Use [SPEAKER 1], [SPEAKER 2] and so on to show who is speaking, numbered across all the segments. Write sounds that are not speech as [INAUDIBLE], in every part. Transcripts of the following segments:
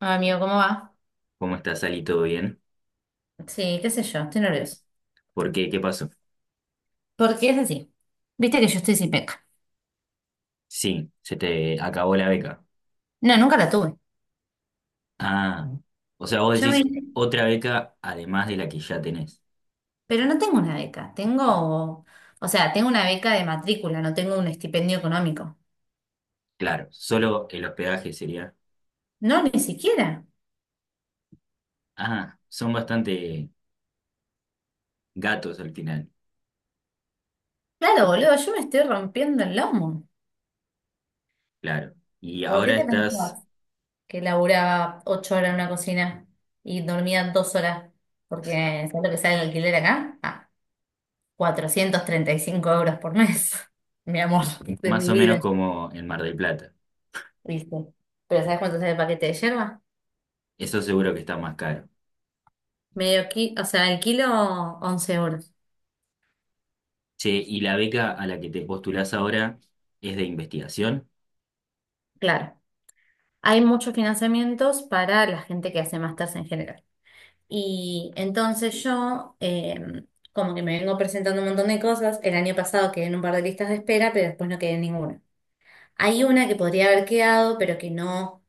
[SPEAKER 1] Ah, Amigo, ¿cómo va?
[SPEAKER 2] ¿Cómo estás, Ali? ¿Todo bien?
[SPEAKER 1] Sí, qué sé yo, estoy nerviosa.
[SPEAKER 2] ¿Por qué? ¿Qué pasó?
[SPEAKER 1] Porque es así, viste que yo estoy sin beca.
[SPEAKER 2] Sí, se te acabó la beca.
[SPEAKER 1] No, nunca la tuve.
[SPEAKER 2] Ah, o sea, vos
[SPEAKER 1] Yo me...
[SPEAKER 2] decís otra beca además de la que ya tenés.
[SPEAKER 1] Pero no tengo una beca, tengo, o sea, tengo una beca de matrícula, no tengo un estipendio económico.
[SPEAKER 2] Claro, solo el hospedaje sería.
[SPEAKER 1] No, ni siquiera.
[SPEAKER 2] Ah, son bastante gatos al final,
[SPEAKER 1] Claro, boludo, yo me estoy rompiendo el lomo.
[SPEAKER 2] claro. Y
[SPEAKER 1] ¿Por qué
[SPEAKER 2] ahora
[SPEAKER 1] te
[SPEAKER 2] estás
[SPEAKER 1] pensás que laburaba 8 horas en una cocina y dormía 2 horas? Porque, ¿sabes lo que sale el alquiler acá? Ah, 435 euros por mes, [LAUGHS] mi amor, de
[SPEAKER 2] más
[SPEAKER 1] mi
[SPEAKER 2] o menos
[SPEAKER 1] vida.
[SPEAKER 2] como en Mar del Plata.
[SPEAKER 1] Listo. Pero ¿sabes cuánto sale el paquete de yerba?
[SPEAKER 2] Eso seguro que está más caro.
[SPEAKER 1] Medio kilo, o sea, el kilo 11 euros,
[SPEAKER 2] Che, y la beca a la que te postulás ahora es de investigación.
[SPEAKER 1] claro. Hay muchos financiamientos para la gente que hace másters en general. Y entonces yo, como que me vengo presentando un montón de cosas. El año pasado quedé en un par de listas de espera, pero después no quedé en ninguna. Hay una que podría haber quedado, pero que no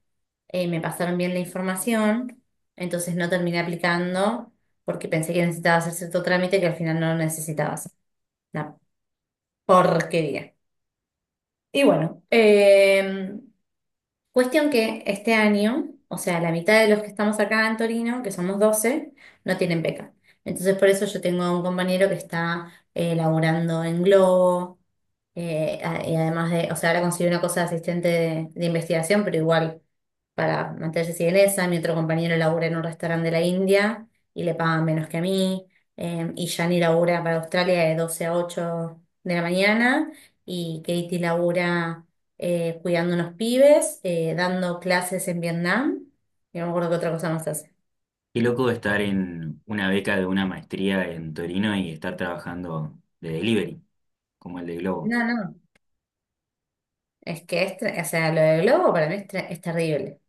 [SPEAKER 1] me pasaron bien la información, entonces no terminé aplicando porque pensé que necesitaba hacer cierto trámite que al final no lo necesitaba hacer. Una porquería. Y bueno, cuestión que este año, o sea, la mitad de los que estamos acá en Torino, que somos 12, no tienen beca. Entonces, por eso yo tengo un compañero que está laburando en Globo, y además de, o sea, ahora consiguió una cosa de asistente de investigación, pero igual para mantenerse sin esa. Mi otro compañero labura en un restaurante de la India y le pagan menos que a mí. Y Yani labura para Australia de 12 a 8 de la mañana, y Katie labura cuidando unos pibes, dando clases en Vietnam. Y no me acuerdo qué otra cosa más hace.
[SPEAKER 2] Qué loco estar en una beca de una maestría en Torino y estar trabajando de delivery, como el de Globo.
[SPEAKER 1] No, no, es que o sea, lo de Globo para mí es terrible,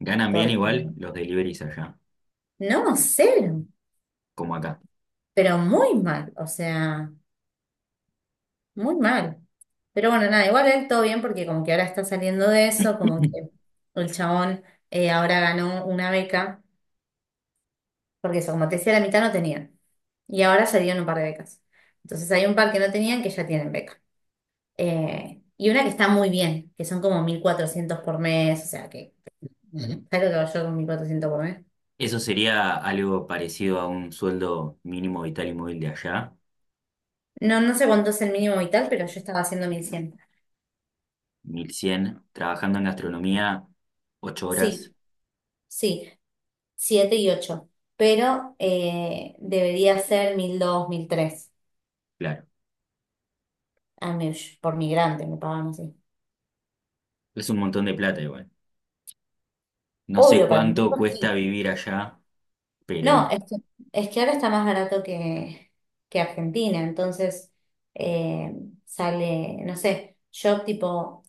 [SPEAKER 2] Ganan bien
[SPEAKER 1] porque
[SPEAKER 2] igual los deliveries allá,
[SPEAKER 1] no, cero,
[SPEAKER 2] como acá.
[SPEAKER 1] pero muy mal, o sea, muy mal. Pero bueno, nada, igual él todo bien porque como que ahora está saliendo de eso, como
[SPEAKER 2] [CLEARS THROAT]
[SPEAKER 1] que el chabón ahora ganó una beca, porque eso, como te decía, la mitad no tenían, y ahora salieron un par de becas. Entonces hay un par que no tenían que ya tienen beca. Y una que está muy bien, que son como 1400 por mes, o sea que, Ujú. ¿Sabes lo que hago yo con 1.400 por mes?
[SPEAKER 2] Eso sería algo parecido a un sueldo mínimo vital y móvil de allá,
[SPEAKER 1] No, no sé cuánto es el mínimo vital, pero yo estaba haciendo 1100.
[SPEAKER 2] 1.100 trabajando en gastronomía, 8 horas,
[SPEAKER 1] Sí, sí, 7 y ocho. Pero debería ser mil dos, mil tres.
[SPEAKER 2] claro.
[SPEAKER 1] A mí, por migrante, me pagan así.
[SPEAKER 2] Es un montón de plata igual. No sé
[SPEAKER 1] Obvio, para mí,
[SPEAKER 2] cuánto
[SPEAKER 1] sí.
[SPEAKER 2] cuesta vivir allá,
[SPEAKER 1] No, es
[SPEAKER 2] pero
[SPEAKER 1] que, es que ahora está más barato que Argentina, entonces eh, sale, no sé, yo tipo.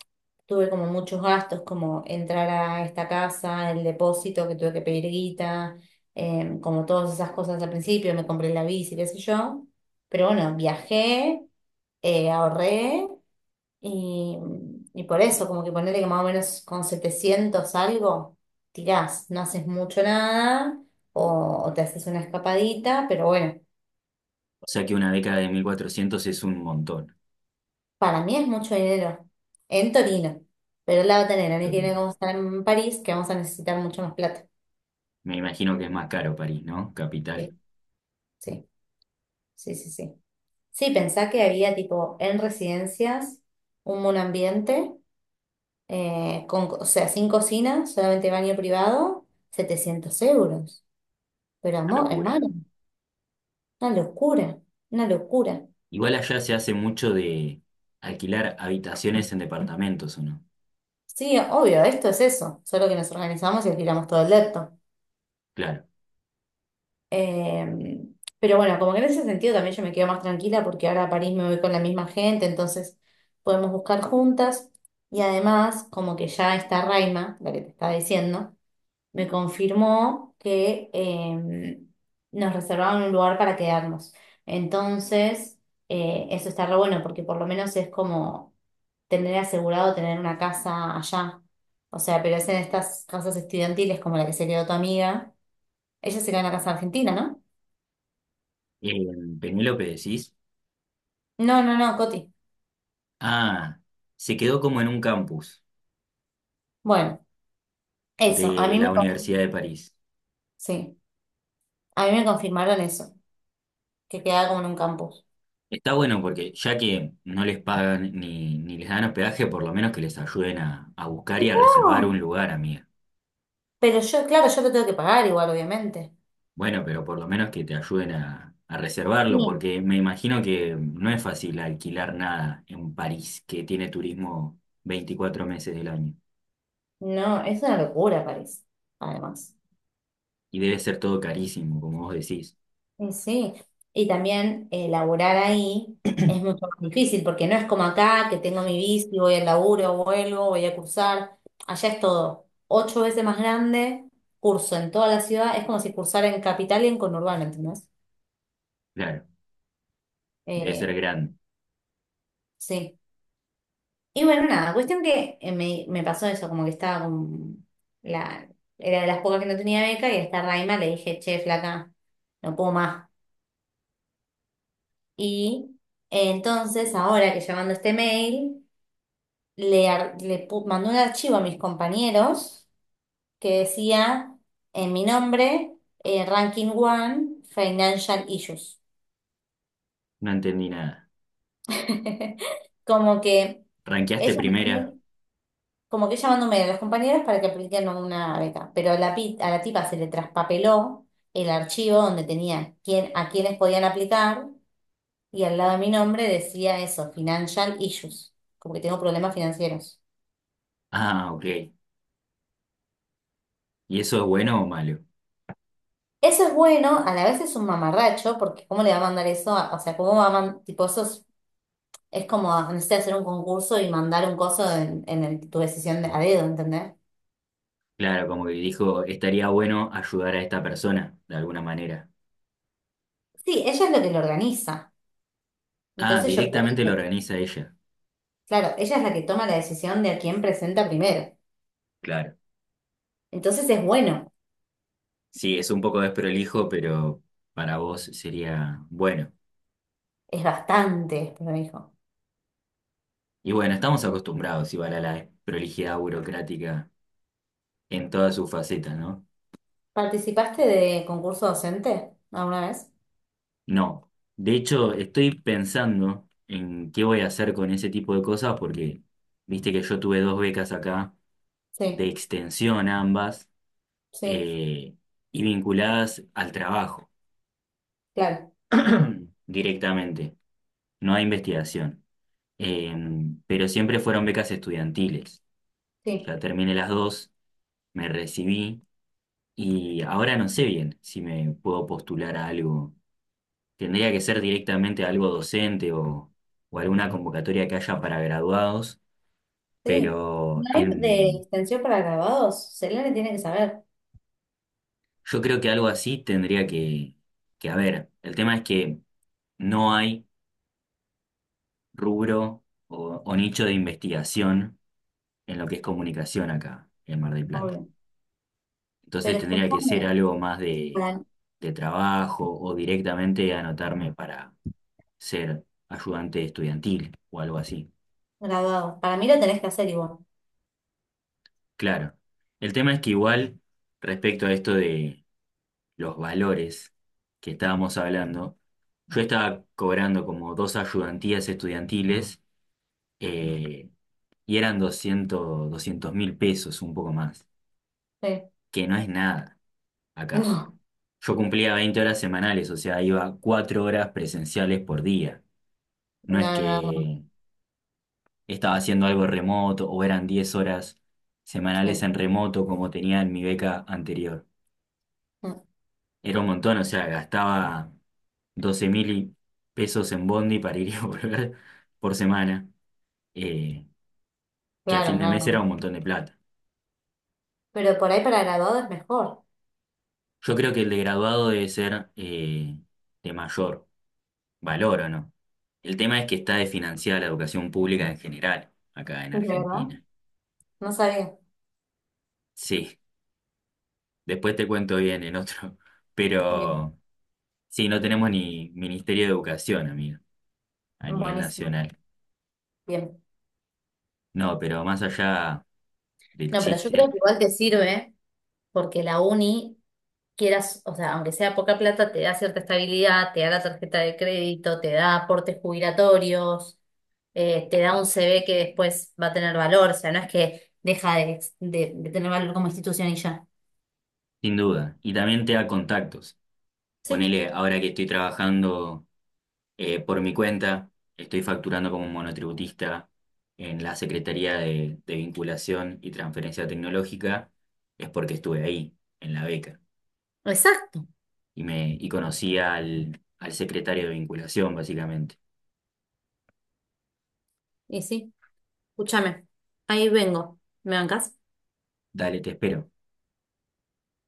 [SPEAKER 1] Tuve como muchos gastos, como entrar a esta casa, el depósito que tuve que pedir guita, como todas esas cosas al principio, me compré la bici, qué sé yo. Pero bueno, viajé, ahorré, y, y por eso, como que ponerle que más o menos con 700 algo, tirás, no haces mucho nada, o te haces una escapadita, pero bueno,
[SPEAKER 2] o sea que una década de 1.400 es un montón
[SPEAKER 1] para mí es mucho dinero en Torino, pero la va a tener.
[SPEAKER 2] en
[SPEAKER 1] A mí que
[SPEAKER 2] Torino.
[SPEAKER 1] como estar en París, que vamos a necesitar mucho más plata.
[SPEAKER 2] Me imagino que es más caro París, ¿no? Capital,
[SPEAKER 1] ¿Sí? Sí, sí, sí, sí. Sí, pensá que había tipo en residencias un monoambiente, o sea, sin cocina, solamente baño privado, 700 euros. Pero
[SPEAKER 2] una
[SPEAKER 1] amor,
[SPEAKER 2] locura.
[SPEAKER 1] hermano, una locura, una locura.
[SPEAKER 2] Igual allá se hace mucho de alquilar habitaciones en departamentos, ¿o no?
[SPEAKER 1] Sí, obvio, esto es eso, solo que nos organizamos y alquilamos todo el depto.
[SPEAKER 2] Claro.
[SPEAKER 1] Eh, pero bueno, como que en ese sentido también yo me quedo más tranquila porque ahora a París me voy con la misma gente, entonces podemos buscar juntas. Y además, como que ya está Raima, la que te estaba diciendo, me confirmó que nos reservaron un lugar para quedarnos. Entonces, eso está re bueno porque por lo menos es como tener asegurado tener una casa allá. O sea, pero es en estas casas estudiantiles como la que se quedó tu amiga. Ella se quedó en la casa argentina, ¿no?
[SPEAKER 2] Eh, Penélope decís,
[SPEAKER 1] No, no, no, Coti.
[SPEAKER 2] ah, se quedó como en un campus
[SPEAKER 1] Bueno, eso, a
[SPEAKER 2] de
[SPEAKER 1] mí
[SPEAKER 2] la
[SPEAKER 1] me, con-
[SPEAKER 2] Universidad de París.
[SPEAKER 1] sí, a mí me confirmaron eso, que quedaba como en un campus.
[SPEAKER 2] Está bueno porque ya que no les pagan ni les dan hospedaje, por lo menos que les ayuden a buscar y a reservar un
[SPEAKER 1] Oh,
[SPEAKER 2] lugar, amiga.
[SPEAKER 1] pero yo, claro, yo lo tengo que pagar igual, obviamente.
[SPEAKER 2] Bueno, pero por lo menos que te ayuden a reservarlo,
[SPEAKER 1] Sí.
[SPEAKER 2] porque me imagino que no es fácil alquilar nada en París, que tiene turismo 24 meses del año.
[SPEAKER 1] No, es una locura París, además.
[SPEAKER 2] Y debe ser todo carísimo, como vos decís.
[SPEAKER 1] Sí, sí. Y también laburar ahí es mucho más difícil, porque no es como acá, que tengo mi bici, voy al laburo, vuelvo, voy a cursar. Allá es todo ocho veces más grande, curso en toda la ciudad, es como si cursara en capital y en conurbano, ¿entendés?
[SPEAKER 2] Claro, debe ser
[SPEAKER 1] Eh,
[SPEAKER 2] grande.
[SPEAKER 1] sí. Y bueno, nada, cuestión que me pasó eso, como que estaba la... Era de las pocas que no tenía beca, y a esta Raima le dije, che, flaca, no puedo más. Y entonces, ahora que llamando este mail, le, ar- le pu- mandé un archivo a mis compañeros que decía en mi nombre, Ranking One, Financial Issues.
[SPEAKER 2] No entendí nada.
[SPEAKER 1] [LAUGHS] Como que
[SPEAKER 2] ¿Ranqueaste
[SPEAKER 1] ella
[SPEAKER 2] primera?
[SPEAKER 1] mandó- como que ella mandó un mail a los compañeros para que apliquen una beca. Pero a la tipa se le traspapeló el archivo donde tenía quién, a quiénes podían aplicar, y al lado de mi nombre decía eso, Financial Issues, como que tengo problemas financieros.
[SPEAKER 2] Ah, ok. ¿Y eso es bueno o malo?
[SPEAKER 1] Eso es bueno, a la vez es un mamarracho, porque ¿cómo le va a mandar eso? O sea, ¿cómo va a mandar, tipo, eso es, como, necesitas hacer un concurso y mandar un coso en, tu decisión de, a dedo, ¿entendés?
[SPEAKER 2] Claro, como que dijo, estaría bueno ayudar a esta persona, de alguna manera.
[SPEAKER 1] Sí, ella es la que lo organiza.
[SPEAKER 2] Ah,
[SPEAKER 1] Entonces yo creo
[SPEAKER 2] directamente lo
[SPEAKER 1] que,
[SPEAKER 2] organiza ella.
[SPEAKER 1] claro, ella es la que toma la decisión de a quién presenta primero.
[SPEAKER 2] Claro.
[SPEAKER 1] Entonces es bueno,
[SPEAKER 2] Sí, es un poco desprolijo, pero para vos sería bueno.
[SPEAKER 1] es bastante, pero dijo.
[SPEAKER 2] Y bueno, estamos acostumbrados igual a la prolijidad burocrática en todas sus facetas, ¿no?
[SPEAKER 1] ¿Participaste de concurso docente alguna vez?
[SPEAKER 2] No. De hecho, estoy pensando en qué voy a hacer con ese tipo de cosas porque viste que yo tuve dos becas acá, de
[SPEAKER 1] Sí,
[SPEAKER 2] extensión ambas.
[SPEAKER 1] sí,
[SPEAKER 2] eh, y vinculadas al trabajo
[SPEAKER 1] claro,
[SPEAKER 2] [CLEARS THROAT] directamente, no a investigación. Eh, pero siempre fueron becas estudiantiles.
[SPEAKER 1] sí,
[SPEAKER 2] Ya terminé las dos, me recibí y ahora no sé bien si me puedo postular a algo. Tendría que ser directamente algo docente o alguna convocatoria que haya para graduados,
[SPEAKER 1] sí.
[SPEAKER 2] pero
[SPEAKER 1] Live de
[SPEAKER 2] en-
[SPEAKER 1] extensión para grabados, Selene tiene que saber.
[SPEAKER 2] yo creo que algo así tendría que haber. El tema es que no hay rubro o nicho de investigación en lo que es comunicación acá en Mar del Plata. Entonces
[SPEAKER 1] Pero
[SPEAKER 2] tendría que ser
[SPEAKER 1] escúchame,
[SPEAKER 2] algo más
[SPEAKER 1] para,
[SPEAKER 2] de trabajo o directamente anotarme para ser ayudante estudiantil o algo así.
[SPEAKER 1] graduado. Para mí lo tenés que hacer igual.
[SPEAKER 2] Claro. El tema es que igual respecto a esto de los valores que estábamos hablando, yo estaba cobrando como dos ayudantías estudiantiles eh, y eran 200 200 mil pesos, un poco más.
[SPEAKER 1] Sí.
[SPEAKER 2] Que no es nada acá.
[SPEAKER 1] [LAUGHS]
[SPEAKER 2] Yo cumplía 20 horas semanales, o sea, iba 4 horas presenciales por día. No es
[SPEAKER 1] No, no, no, no.
[SPEAKER 2] que estaba haciendo algo remoto o eran 10 horas semanales
[SPEAKER 1] Sí.
[SPEAKER 2] en remoto como tenía en mi beca anterior.
[SPEAKER 1] No,
[SPEAKER 2] Era un montón, o sea, gastaba 12.000 pesos en bondi para ir y [LAUGHS] volver por semana, eh, que a fin
[SPEAKER 1] claro,
[SPEAKER 2] de
[SPEAKER 1] no,
[SPEAKER 2] mes
[SPEAKER 1] no.
[SPEAKER 2] era
[SPEAKER 1] No.
[SPEAKER 2] un montón de plata.
[SPEAKER 1] Pero por ahí para graduado es mejor.
[SPEAKER 2] Yo creo que el de graduado debe ser de mayor valoro, ¿no? El tema es que está desfinanciada la educación pública en general, acá en
[SPEAKER 1] ¿De verdad?
[SPEAKER 2] Argentina.
[SPEAKER 1] No sabía.
[SPEAKER 2] Sí, después te cuento bien en otro, [LAUGHS]
[SPEAKER 1] Bien,
[SPEAKER 2] pero sí, no tenemos ni Ministerio de Educación, amigo, a nivel
[SPEAKER 1] buenísimo.
[SPEAKER 2] nacional.
[SPEAKER 1] Bien.
[SPEAKER 2] No, pero más allá del
[SPEAKER 1] No, pero yo creo
[SPEAKER 2] chiste,
[SPEAKER 1] que igual te sirve porque la uni, quieras, o sea, aunque sea poca plata, te da cierta estabilidad, te da la tarjeta de crédito, te da aportes jubilatorios, te da un CV que después va a tener valor. O sea, no es que deja de tener valor como institución y ya.
[SPEAKER 2] sin duda. Y también te da contactos.
[SPEAKER 1] Sí.
[SPEAKER 2] Ponele, ahora que estoy trabajando por mi cuenta, estoy facturando como monotributista en la Secretaría de Vinculación y Transferencia Tecnológica, es porque estuve ahí, en la beca,
[SPEAKER 1] Exacto.
[SPEAKER 2] y conocí al secretario de vinculación, básicamente.
[SPEAKER 1] Y sí, escúchame. Ahí vengo. ¿Me bancas?
[SPEAKER 2] Dale, te espero.